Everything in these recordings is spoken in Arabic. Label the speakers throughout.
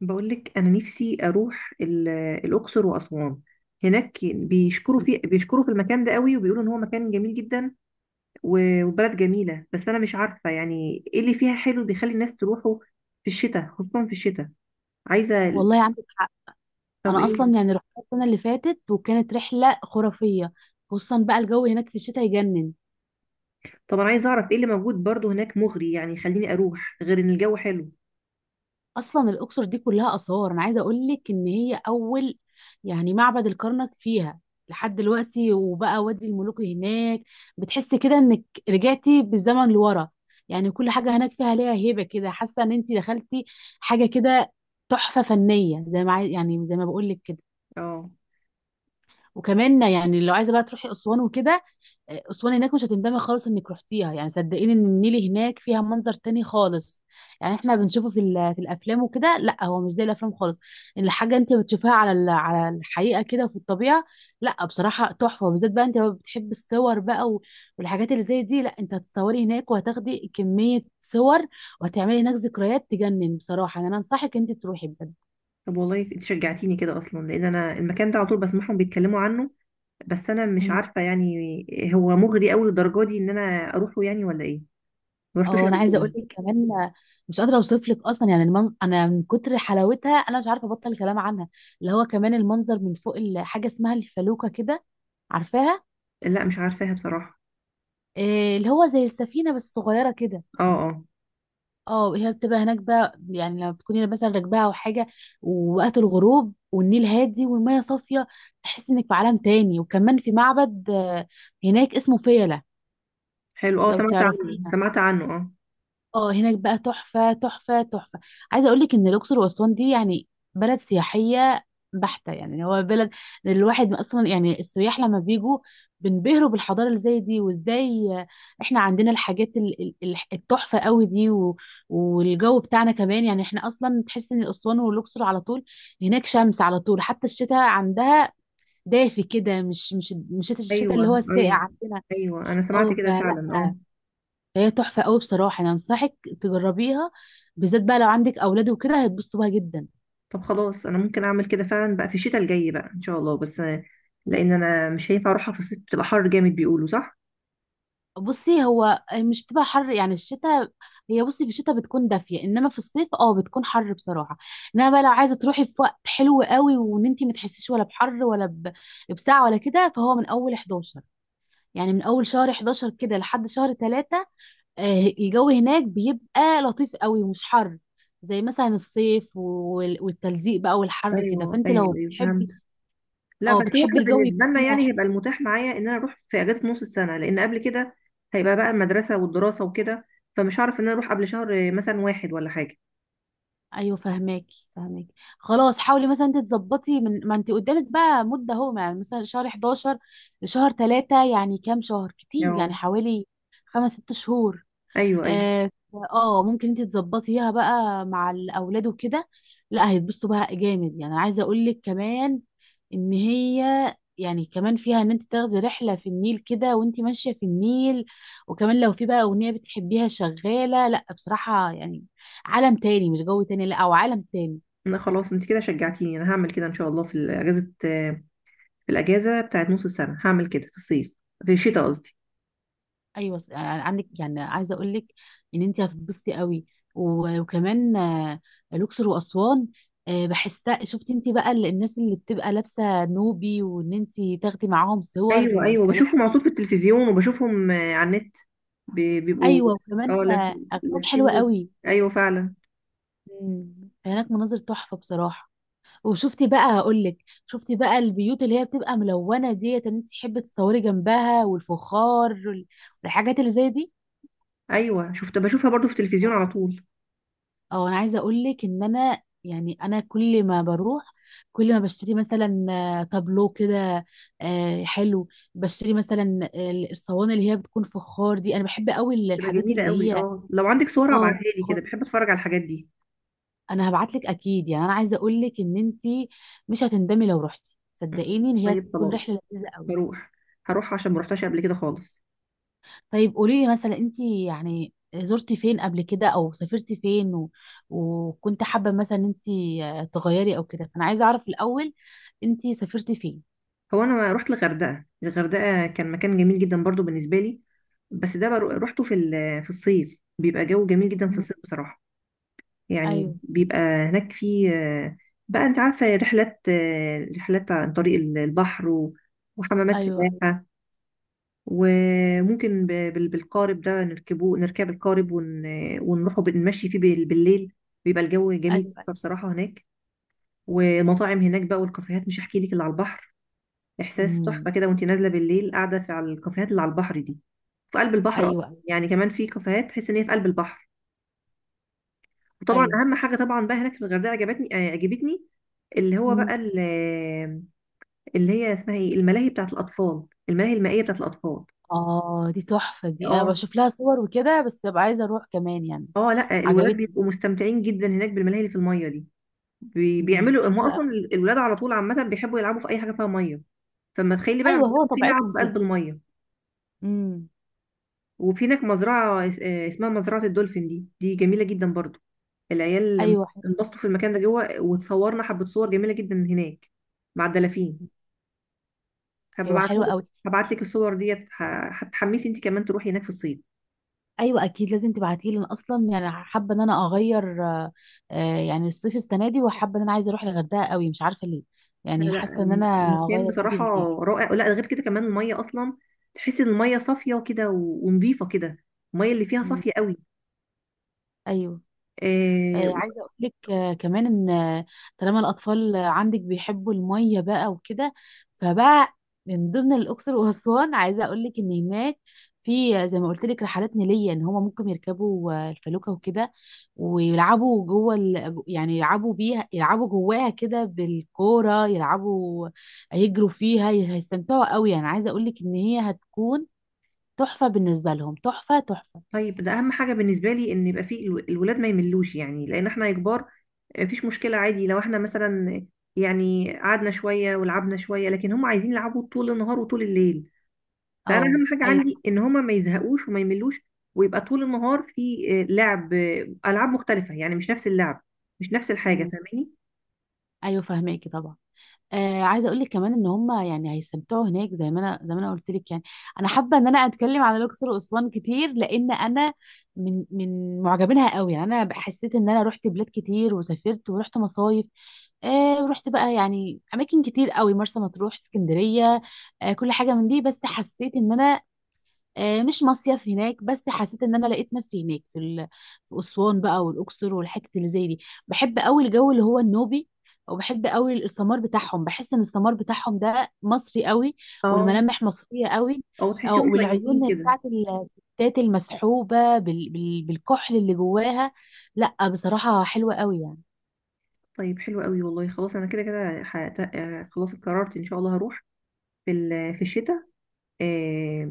Speaker 1: بقولك أنا نفسي أروح الأقصر وأسوان. هناك بيشكروا في المكان ده قوي وبيقولوا إن هو مكان جميل جدا، وبلد جميلة. بس أنا مش عارفة يعني إيه اللي فيها حلو بيخلي الناس تروحوا في الشتاء، خصوصا في الشتاء. عايزة.
Speaker 2: والله عندك حق.
Speaker 1: طب
Speaker 2: انا
Speaker 1: إيه؟
Speaker 2: اصلا يعني رحت السنه اللي فاتت وكانت رحله خرافيه، خصوصا بقى الجو هناك في الشتاء يجنن.
Speaker 1: طب أنا عايزة أعرف إيه اللي موجود برضو هناك مغري، يعني يخليني أروح غير إن الجو حلو.
Speaker 2: اصلا الاقصر دي كلها اثار، انا عايزه اقول لك ان هي اول يعني معبد الكرنك فيها لحد دلوقتي، وبقى وادي الملوك هناك. بتحسي كده انك رجعتي بالزمن لورا، يعني كل حاجه هناك فيها ليها هيبه كده، حاسه ان انت دخلتي حاجه كده تحفه فنيه، زي ما عايز يعني زي ما بقول لك كده.
Speaker 1: أه.
Speaker 2: وكمان يعني لو عايزه بقى تروحي اسوان وكده، اسوان هناك مش هتندمي خالص انك رحتيها، يعني صدقيني ان النيل هناك فيها منظر تاني خالص، يعني احنا بنشوفه في الافلام وكده. لا، هو مش زي الافلام خالص. الحاجه انت بتشوفها على الحقيقه كده في الطبيعه. لا بصراحه تحفه، بالذات بقى انت لو بتحب الصور بقى والحاجات اللي زي دي. لا انت هتتصوري هناك وهتاخدي كميه صور، وهتعملي هناك ذكريات تجنن بصراحه. يعني انا انصحك انت تروحي بجد.
Speaker 1: طب والله أنت شجعتيني كده، أصلا لأن أنا المكان ده على طول بسمعهم بيتكلموا عنه، بس أنا مش عارفة يعني هو مغري أوي للدرجة دي إن أنا أروحه يعني ولا إيه؟ ما رحتوش
Speaker 2: اه انا
Speaker 1: قبل
Speaker 2: عايزه اقول
Speaker 1: كده؟
Speaker 2: لك كمان، مش قادره اوصف لك اصلا يعني المنظر، انا من كتر حلاوتها انا مش عارفه ابطل الكلام عنها. اللي هو كمان المنظر من فوق حاجه اسمها الفلوكه كده، عارفاها؟
Speaker 1: لا مش عارفاها بصراحة.
Speaker 2: إيه اللي هو زي السفينه بس صغيره كده.
Speaker 1: اه. اه.
Speaker 2: اه هي بتبقى هناك بقى، يعني لما بتكوني مثلا راكباها او حاجه، ووقت الغروب والنيل هادي والميه صافيه، تحس انك في عالم تاني. وكمان في معبد هناك اسمه فيلة،
Speaker 1: حلو، اه
Speaker 2: لو
Speaker 1: سمعت عنه،
Speaker 2: تعرفيها.
Speaker 1: سمعت عنه، اه.
Speaker 2: اه هناك بقى تحفة تحفة تحفة. عايزة اقولك ان الاقصر واسوان دي يعني بلد سياحية بحتة، يعني هو بلد الواحد اصلا، يعني السياح لما بيجوا بينبهروا بالحضارة اللي زي دي، وازاي احنا عندنا الحاجات التحفة قوي دي والجو بتاعنا كمان. يعني احنا اصلا تحس ان اسوان والاقصر على طول هناك شمس على طول، حتى الشتاء عندها دافي كده، مش الشتاء اللي هو
Speaker 1: ايوه
Speaker 2: الساقع
Speaker 1: ايوه
Speaker 2: عندنا.
Speaker 1: ايوه، انا سمعت
Speaker 2: اه
Speaker 1: كده
Speaker 2: فلا
Speaker 1: فعلا، اه.
Speaker 2: هي تحفة قوي بصراحة، أنا أنصحك تجربيها، بالذات بقى لو عندك أولاد وكده هيتبسطوا بيها جدا.
Speaker 1: طب خلاص انا ممكن اعمل كده فعلا بقى في الشتاء الجاي بقى ان شاء الله، بس لان انا مش هينفع اروحها في الصيف، بتبقى حر جامد بيقولوا، صح؟
Speaker 2: بصي، هو مش بتبقى حر يعني الشتاء، هي بصي في الشتاء بتكون دافية، إنما في الصيف اه بتكون حر بصراحة. إنما بقى لو عايزة تروحي في وقت حلو قوي، وإن أنت ما تحسيش ولا بحر ولا بساعة ولا كده، فهو من أول 11، يعني من أول شهر 11 كده لحد شهر 3 الجو هناك بيبقى لطيف قوي ومش حر، زي مثلا الصيف والتلزيق بقى والحر كده.
Speaker 1: ايوه
Speaker 2: فانت
Speaker 1: ايوه
Speaker 2: لو
Speaker 1: ايوه، فهمت.
Speaker 2: بتحبي
Speaker 1: لا
Speaker 2: اه
Speaker 1: بس هو
Speaker 2: بتحبي
Speaker 1: احنا
Speaker 2: الجو
Speaker 1: بالنسبه
Speaker 2: يكون
Speaker 1: لنا يعني هيبقى
Speaker 2: حلو.
Speaker 1: المتاح معايا ان انا اروح في اجازه نص السنه، لان قبل كده هيبقى بقى المدرسه والدراسه وكده، فمش هعرف ان انا اروح قبل شهر مثلا واحد ولا حاجه.
Speaker 2: ايوه فهماكي فهماكي. خلاص حاولي مثلا انت تظبطي من ما انت قدامك بقى مده اهو، يعني مثلا شهر 11 لشهر 3، يعني كام شهر؟ كتير
Speaker 1: اه
Speaker 2: يعني، حوالي خمس ست شهور.
Speaker 1: ايوه ايوه.
Speaker 2: اه ممكن انت تظبطيها بقى مع الاولاد وكده. لا هيتبسطوا بقى جامد، يعني عايزه اقول لك كمان ان هي يعني كمان فيها ان انت تاخدي رحله في النيل كده، وانت ماشيه في النيل وكمان لو في بقى اغنيه بتحبيها شغاله، لا بصراحه يعني عالم تاني، مش جو تاني لا او عالم تاني.
Speaker 1: لا خلاص انت كده شجعتيني، انا هعمل كده ان شاء الله في الاجازه بتاعت نص السنه. هعمل كده في الصيف، في الشتاء قصدي.
Speaker 2: ايوه عندك، يعني عايزه اقول لك ان انت هتتبسطي قوي وكمان الاقصر واسوان بحسها. شفتي انت بقى الناس اللي بتبقى لابسه نوبي، وان انت تاخدي معاهم صور
Speaker 1: ايوه ايوه
Speaker 2: والكلام؟
Speaker 1: بشوفهم على طول في التلفزيون، وبشوفهم على النت. بيبقوا.
Speaker 2: ايوه
Speaker 1: اه،
Speaker 2: وكمان اغانيهم
Speaker 1: لابسين
Speaker 2: حلوه
Speaker 1: دول.
Speaker 2: قوي
Speaker 1: ايوه فعلا.
Speaker 2: هناك مناظر تحفه بصراحه. وشفتي بقى، هقول لك شفتي بقى البيوت اللي هي بتبقى ملونه ديت، ان انت تحبي تصوري جنبها، والفخار والحاجات اللي زي دي.
Speaker 1: ايوه بشوفها برضو في التلفزيون على طول.
Speaker 2: اه انا عايزه اقول لك ان انا يعني انا كل ما بروح كل ما بشتري مثلا تابلو كده حلو، بشتري مثلا الصواني اللي هي بتكون فخار دي. انا بحب قوي
Speaker 1: بتبقى
Speaker 2: الحاجات
Speaker 1: جميله
Speaker 2: اللي
Speaker 1: قوي،
Speaker 2: هي
Speaker 1: اه لو عندك صور
Speaker 2: اه
Speaker 1: ابعتها لي كده،
Speaker 2: فخار.
Speaker 1: بحب اتفرج على الحاجات دي.
Speaker 2: انا هبعت لك اكيد، يعني انا عايزه اقول لك ان انت مش هتندمي لو رحتي،
Speaker 1: مم.
Speaker 2: صدقيني ان هي
Speaker 1: طيب
Speaker 2: تكون
Speaker 1: خلاص،
Speaker 2: رحله لذيذه قوي.
Speaker 1: هروح هروح عشان ما رحتش قبل كده خالص.
Speaker 2: طيب قولي لي مثلا انت يعني زرتي فين قبل كده، او سافرتي فين و... وكنت حابة مثلا انت تغيري او كده؟ فانا عايزة اعرف الاول، انت سافرتي فين؟
Speaker 1: هو انا رحت الغردقه. الغردقه كان مكان جميل جدا برضو بالنسبه لي، بس ده روحته في في الصيف، بيبقى جو جميل جدا في
Speaker 2: مم.
Speaker 1: الصيف بصراحه. يعني
Speaker 2: ايوه
Speaker 1: بيبقى هناك في آه، بقى انت عارفه رحلات عن طريق البحر، وحمامات
Speaker 2: ايوه
Speaker 1: سباحه، وممكن بالقارب ده نركب القارب ونروحوا نمشي فيه بالليل. بيبقى الجو جميل
Speaker 2: ايوه.
Speaker 1: جدا بصراحه هناك. والمطاعم هناك بقى والكافيهات، مش هحكي لك اللي على البحر. احساس
Speaker 2: امم.
Speaker 1: تحفه كده وانت نازله بالليل قاعده في على الكافيهات اللي على البحر دي. في قلب البحر أصلاً.
Speaker 2: ايوه ايوه
Speaker 1: يعني كمان في كافيهات تحس ان هي في قلب البحر. وطبعا
Speaker 2: ايوه.
Speaker 1: اهم حاجه طبعا بقى هناك في الغردقه عجبتني اللي هو بقى
Speaker 2: امم.
Speaker 1: اللي هي اسمها ايه، الملاهي المائيه بتاعت الاطفال.
Speaker 2: اه دي تحفة دي، انا
Speaker 1: اه.
Speaker 2: بشوف لها صور وكده، بس ببقى عايزة اروح كمان يعني.
Speaker 1: اه لا الولاد
Speaker 2: عجبتني.
Speaker 1: بيبقوا مستمتعين جدا هناك بالملاهي اللي في الميه دي.
Speaker 2: امم،
Speaker 1: بيعملوا هم
Speaker 2: حلوة
Speaker 1: اصلا
Speaker 2: قوي.
Speaker 1: الولاد على طول، عامه بيحبوا يلعبوا في اي حاجه فيها ميه، فما تخيلي بقى
Speaker 2: ايوه هو
Speaker 1: بيبقوا في لعب
Speaker 2: طبيعتهم
Speaker 1: في
Speaker 2: كده.
Speaker 1: قلب الميه.
Speaker 2: امم.
Speaker 1: وفي هناك مزرعه اسمها مزرعه الدولفين دي، دي جميله جدا برضو. العيال
Speaker 2: ايوه حلوة.
Speaker 1: انبسطوا في المكان ده جوه، وتصورنا حبة صور جميلة جدا هناك مع الدلافين.
Speaker 2: ايوه
Speaker 1: هبعتها
Speaker 2: حلوة
Speaker 1: لك
Speaker 2: قوي.
Speaker 1: هبعت لك الصور ديت، هتحمسي انت كمان تروحي هناك في الصيف.
Speaker 2: ايوه اكيد لازم تبعتيه لي، اصلا يعني حابه ان انا اغير يعني الصيف السنه دي، وحابه ان انا عايزه اروح الغردقه قوي مش عارفه ليه،
Speaker 1: لا
Speaker 2: يعني
Speaker 1: لا،
Speaker 2: حاسه ان انا
Speaker 1: مكان
Speaker 2: هغير
Speaker 1: بصراحة
Speaker 2: مودي هناك.
Speaker 1: رائع. لا غير كده كمان المية أصلا، تحسي إن المية صافية كده ونضيفة كده. المية اللي فيها
Speaker 2: مم.
Speaker 1: صافية قوي.
Speaker 2: ايوه
Speaker 1: آه
Speaker 2: عايزه اقول لك كمان ان طالما الاطفال عندك بيحبوا الميه بقى وكده، فبقى من ضمن الاقصر واسوان عايزه اقول لك ان هناك في زي ما قلت لك رحلات نيليه، ان هما ممكن يركبوا الفلوكه وكده، ويلعبوا يعني يلعبوا بيها، يلعبوا جواها كده بالكوره، يلعبوا يجروا فيها. هيستمتعوا قوي يعني، عايزه اقول لك ان هي هتكون تحفه بالنسبه لهم، تحفه تحفه.
Speaker 1: طيب ده أهم حاجة بالنسبة لي إن يبقى في الولاد ما يملوش، يعني لأن إحنا كبار مفيش مشكلة عادي، لو إحنا مثلا يعني قعدنا شوية ولعبنا شوية، لكن هم عايزين يلعبوا طول النهار وطول الليل. فانا
Speaker 2: اه
Speaker 1: اهم حاجه
Speaker 2: ايوه.
Speaker 1: عندي ان هما ما يزهقوش وما يملوش، ويبقى طول النهار في لعب، العاب مختلفه، يعني مش نفس اللعب، مش نفس الحاجه،
Speaker 2: أمم.
Speaker 1: فاهماني؟
Speaker 2: ايوه فهماكي طبعا. آه عايزه اقول لك كمان ان هم يعني هيستمتعوا هناك، زي ما انا قلت لك يعني، انا حابه ان انا اتكلم عن الاقصر واسوان كتير لان انا من معجبينها قوي. يعني انا حسيت ان انا رحت بلاد كتير، وسافرت ورحت مصايف آه، ورحت بقى يعني اماكن كتير قوي، مرسى مطروح، اسكندريه، آه كل حاجه من دي. بس حسيت ان انا مش مصيف هناك، بس حسيت ان انا لقيت نفسي هناك في اسوان بقى والاقصر والحته اللي زي دي. بحب قوي الجو اللي هو النوبي، وبحب قوي السمار بتاعهم، بحس ان السمار بتاعهم ده مصري قوي،
Speaker 1: اه.
Speaker 2: والملامح مصريه قوي.
Speaker 1: او تحسيهم طيبين
Speaker 2: والعيون
Speaker 1: كده.
Speaker 2: بتاعت الستات المسحوبه بالكحل اللي جواها، لا بصراحه حلوه قوي يعني.
Speaker 1: طيب حلو قوي والله، خلاص انا كده كده خلاص قررت ان شاء الله هروح في في الشتاء.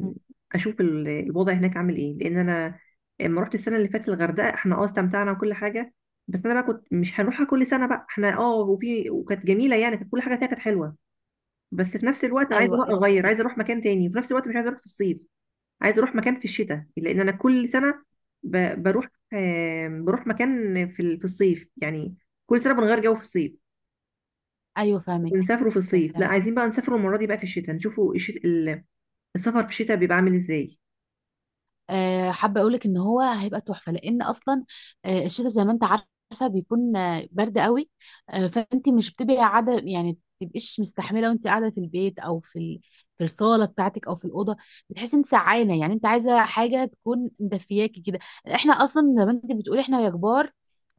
Speaker 2: مم.
Speaker 1: اشوف الوضع هناك عامل ايه، لان انا لما رحت السنه اللي فاتت الغردقه، احنا استمتعنا وكل حاجه، بس انا بقى كنت مش هنروحها كل سنه بقى، احنا وفي وكانت جميله، يعني كانت كل حاجه فيها كانت حلوه، بس في نفس الوقت انا عايزه
Speaker 2: ايوه
Speaker 1: بقى
Speaker 2: ايوه
Speaker 1: اغير،
Speaker 2: فاهمك.
Speaker 1: عايزه اروح مكان تاني، وفي نفس الوقت مش عايزه اروح في الصيف. عايزه اروح مكان في الشتاء لان انا كل سنه بروح، بروح مكان في في الصيف يعني، كل سنه بنغير جو في الصيف،
Speaker 2: ايوه فاهمك
Speaker 1: بنسافروا في الصيف. لا
Speaker 2: فاهمك.
Speaker 1: عايزين بقى نسافروا المره دي بقى في الشتاء، نشوفوا السفر في الشتاء بيبقى عامل ازاي.
Speaker 2: حابه اقول لك ان هو هيبقى تحفه، لان اصلا الشتاء زي ما انت عارفه بيكون برد قوي. فانت مش بتبقي قاعده يعني، تبقيش مستحمله وانت قاعده في البيت، او في الصاله بتاعتك، او في الاوضه. بتحسي انت سعانه، يعني انت عايزه حاجه تكون مدفياكي كده. احنا اصلا زي ما انت بتقولي احنا يا كبار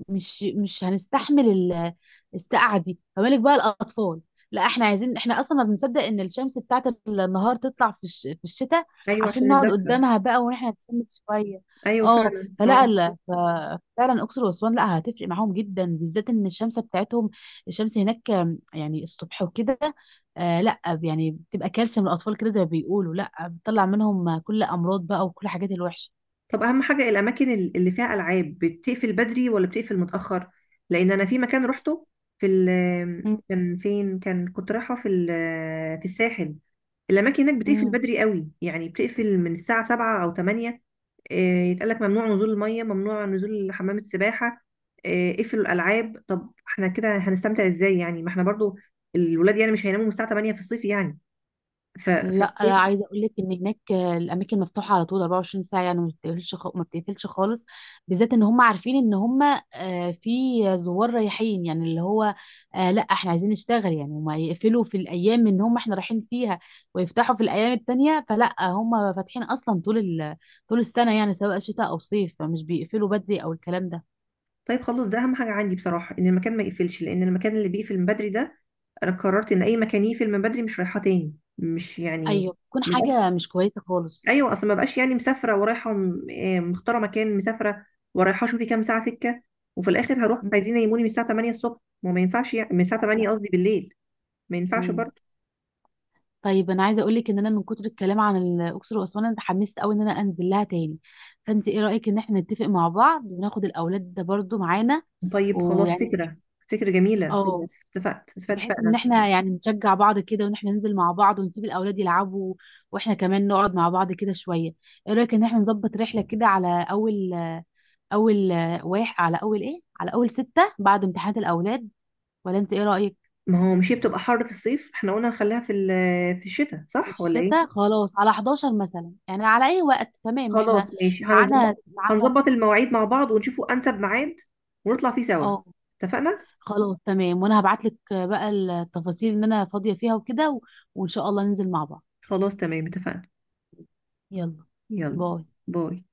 Speaker 2: مش هنستحمل السقعه دي، فما بالك بقى الاطفال. لا احنا عايزين، احنا اصلا ما بنصدق ان الشمس بتاعت النهار تطلع في الشتاء
Speaker 1: ايوه
Speaker 2: عشان
Speaker 1: عشان
Speaker 2: نقعد
Speaker 1: الدفء.
Speaker 2: قدامها بقى واحنا نتسند شويه.
Speaker 1: ايوه
Speaker 2: اه
Speaker 1: فعلا
Speaker 2: فلا
Speaker 1: اه.
Speaker 2: لا ف... فعلا اقصر واسوان لا هتفرق معاهم جدا، بالذات ان الشمس بتاعتهم، الشمس هناك يعني الصبح وكده، آه لا يعني بتبقى كارثه من الاطفال كده زي ما بيقولوا، لا بتطلع منهم كل امراض بقى وكل حاجات الوحشه.
Speaker 1: طب اهم حاجه الاماكن اللي فيها العاب بتقفل بدري ولا بتقفل متاخر؟ لان انا في مكان رحته في ال كان فين، كان كنت رايحه في في الساحل، الاماكن هناك بتقفل
Speaker 2: مم.
Speaker 1: بدري قوي، يعني بتقفل من الساعه 7 او 8. آه، يتقالك ممنوع نزول الميه، ممنوع نزول حمام السباحه، اقفلوا الالعاب. طب احنا كده هنستمتع ازاي يعني؟ ما احنا برضو الولاد يعني مش هيناموا من الساعه 8 في الصيف يعني. ف... ف...
Speaker 2: لا لا عايزه اقول لك ان هناك الاماكن مفتوحه على طول 24 ساعه، يعني ما بتقفلش ما بتقفلش خالص، بالذات ان هم عارفين ان هم في زوار رايحين، يعني اللي هو لا احنا عايزين نشتغل، يعني هم يقفلوا في الايام ان هم احنا رايحين فيها، ويفتحوا في الايام التانية. فلا هم فاتحين اصلا طول طول السنه، يعني سواء شتاء او صيف، فمش بيقفلوا بدري او الكلام ده.
Speaker 1: طيب خلص، ده اهم حاجه عندي بصراحه ان المكان ما يقفلش، لان المكان اللي بيقفل من بدري ده، انا قررت ان اي مكان يقفل من بدري مش رايحاه تاني، مش يعني.
Speaker 2: ايوه بتكون حاجه مش كويسه خالص.
Speaker 1: ايوه اصل ما بقاش يعني مسافره ورايحه مختاره مكان، مسافره ورايحه، شوفي كام ساعه سكه، وفي الاخر هروح
Speaker 2: مم.
Speaker 1: عايزين ينيموني من الساعه 8 الصبح، وما ينفعش يعني، من الساعه
Speaker 2: لا.
Speaker 1: 8 قصدي بالليل. ما ينفعش
Speaker 2: مم.
Speaker 1: برضه.
Speaker 2: طيب انا عايزه اقول لك ان انا من كتر الكلام عن الاقصر واسوان انا اتحمست قوي ان انا انزل لها تاني. فانت ايه رايك ان احنا نتفق مع بعض وناخد الاولاد ده برضو معانا،
Speaker 1: طيب خلاص اه
Speaker 2: ويعني
Speaker 1: فكره، فكره جميله،
Speaker 2: اه
Speaker 1: خلاص. اتفقت اتفقت
Speaker 2: بحيث
Speaker 1: اتفقنا
Speaker 2: ان
Speaker 1: إن شاء الله.
Speaker 2: احنا يعني نشجع بعض كده، وان احنا ننزل مع بعض ونسيب الاولاد يلعبوا، واحنا كمان نقعد مع بعض كده شويه. ايه رايك ان احنا نظبط رحله كده على اول اول واحد، على اول ايه، على اول ستة بعد امتحانات الاولاد، ولا انت ايه رايك؟
Speaker 1: ما هو مش هي بتبقى حر في الصيف؟ احنا قلنا نخليها في في الشتاء، صح ولا ايه؟
Speaker 2: الشتاء خلاص على 11 مثلا، يعني على اي وقت تمام احنا،
Speaker 1: خلاص ماشي،
Speaker 2: معانا معانا.
Speaker 1: هنظبط المواعيد مع بعض ونشوفوا انسب ميعاد ونطلع فيه سوا.
Speaker 2: اه
Speaker 1: اتفقنا.
Speaker 2: خلاص تمام. وانا هبعت لك بقى التفاصيل ان انا فاضية فيها وكده، و... وان شاء الله ننزل مع بعض.
Speaker 1: خلاص تمام، اتفقنا.
Speaker 2: يلا.
Speaker 1: يلا.
Speaker 2: باي.
Speaker 1: باي.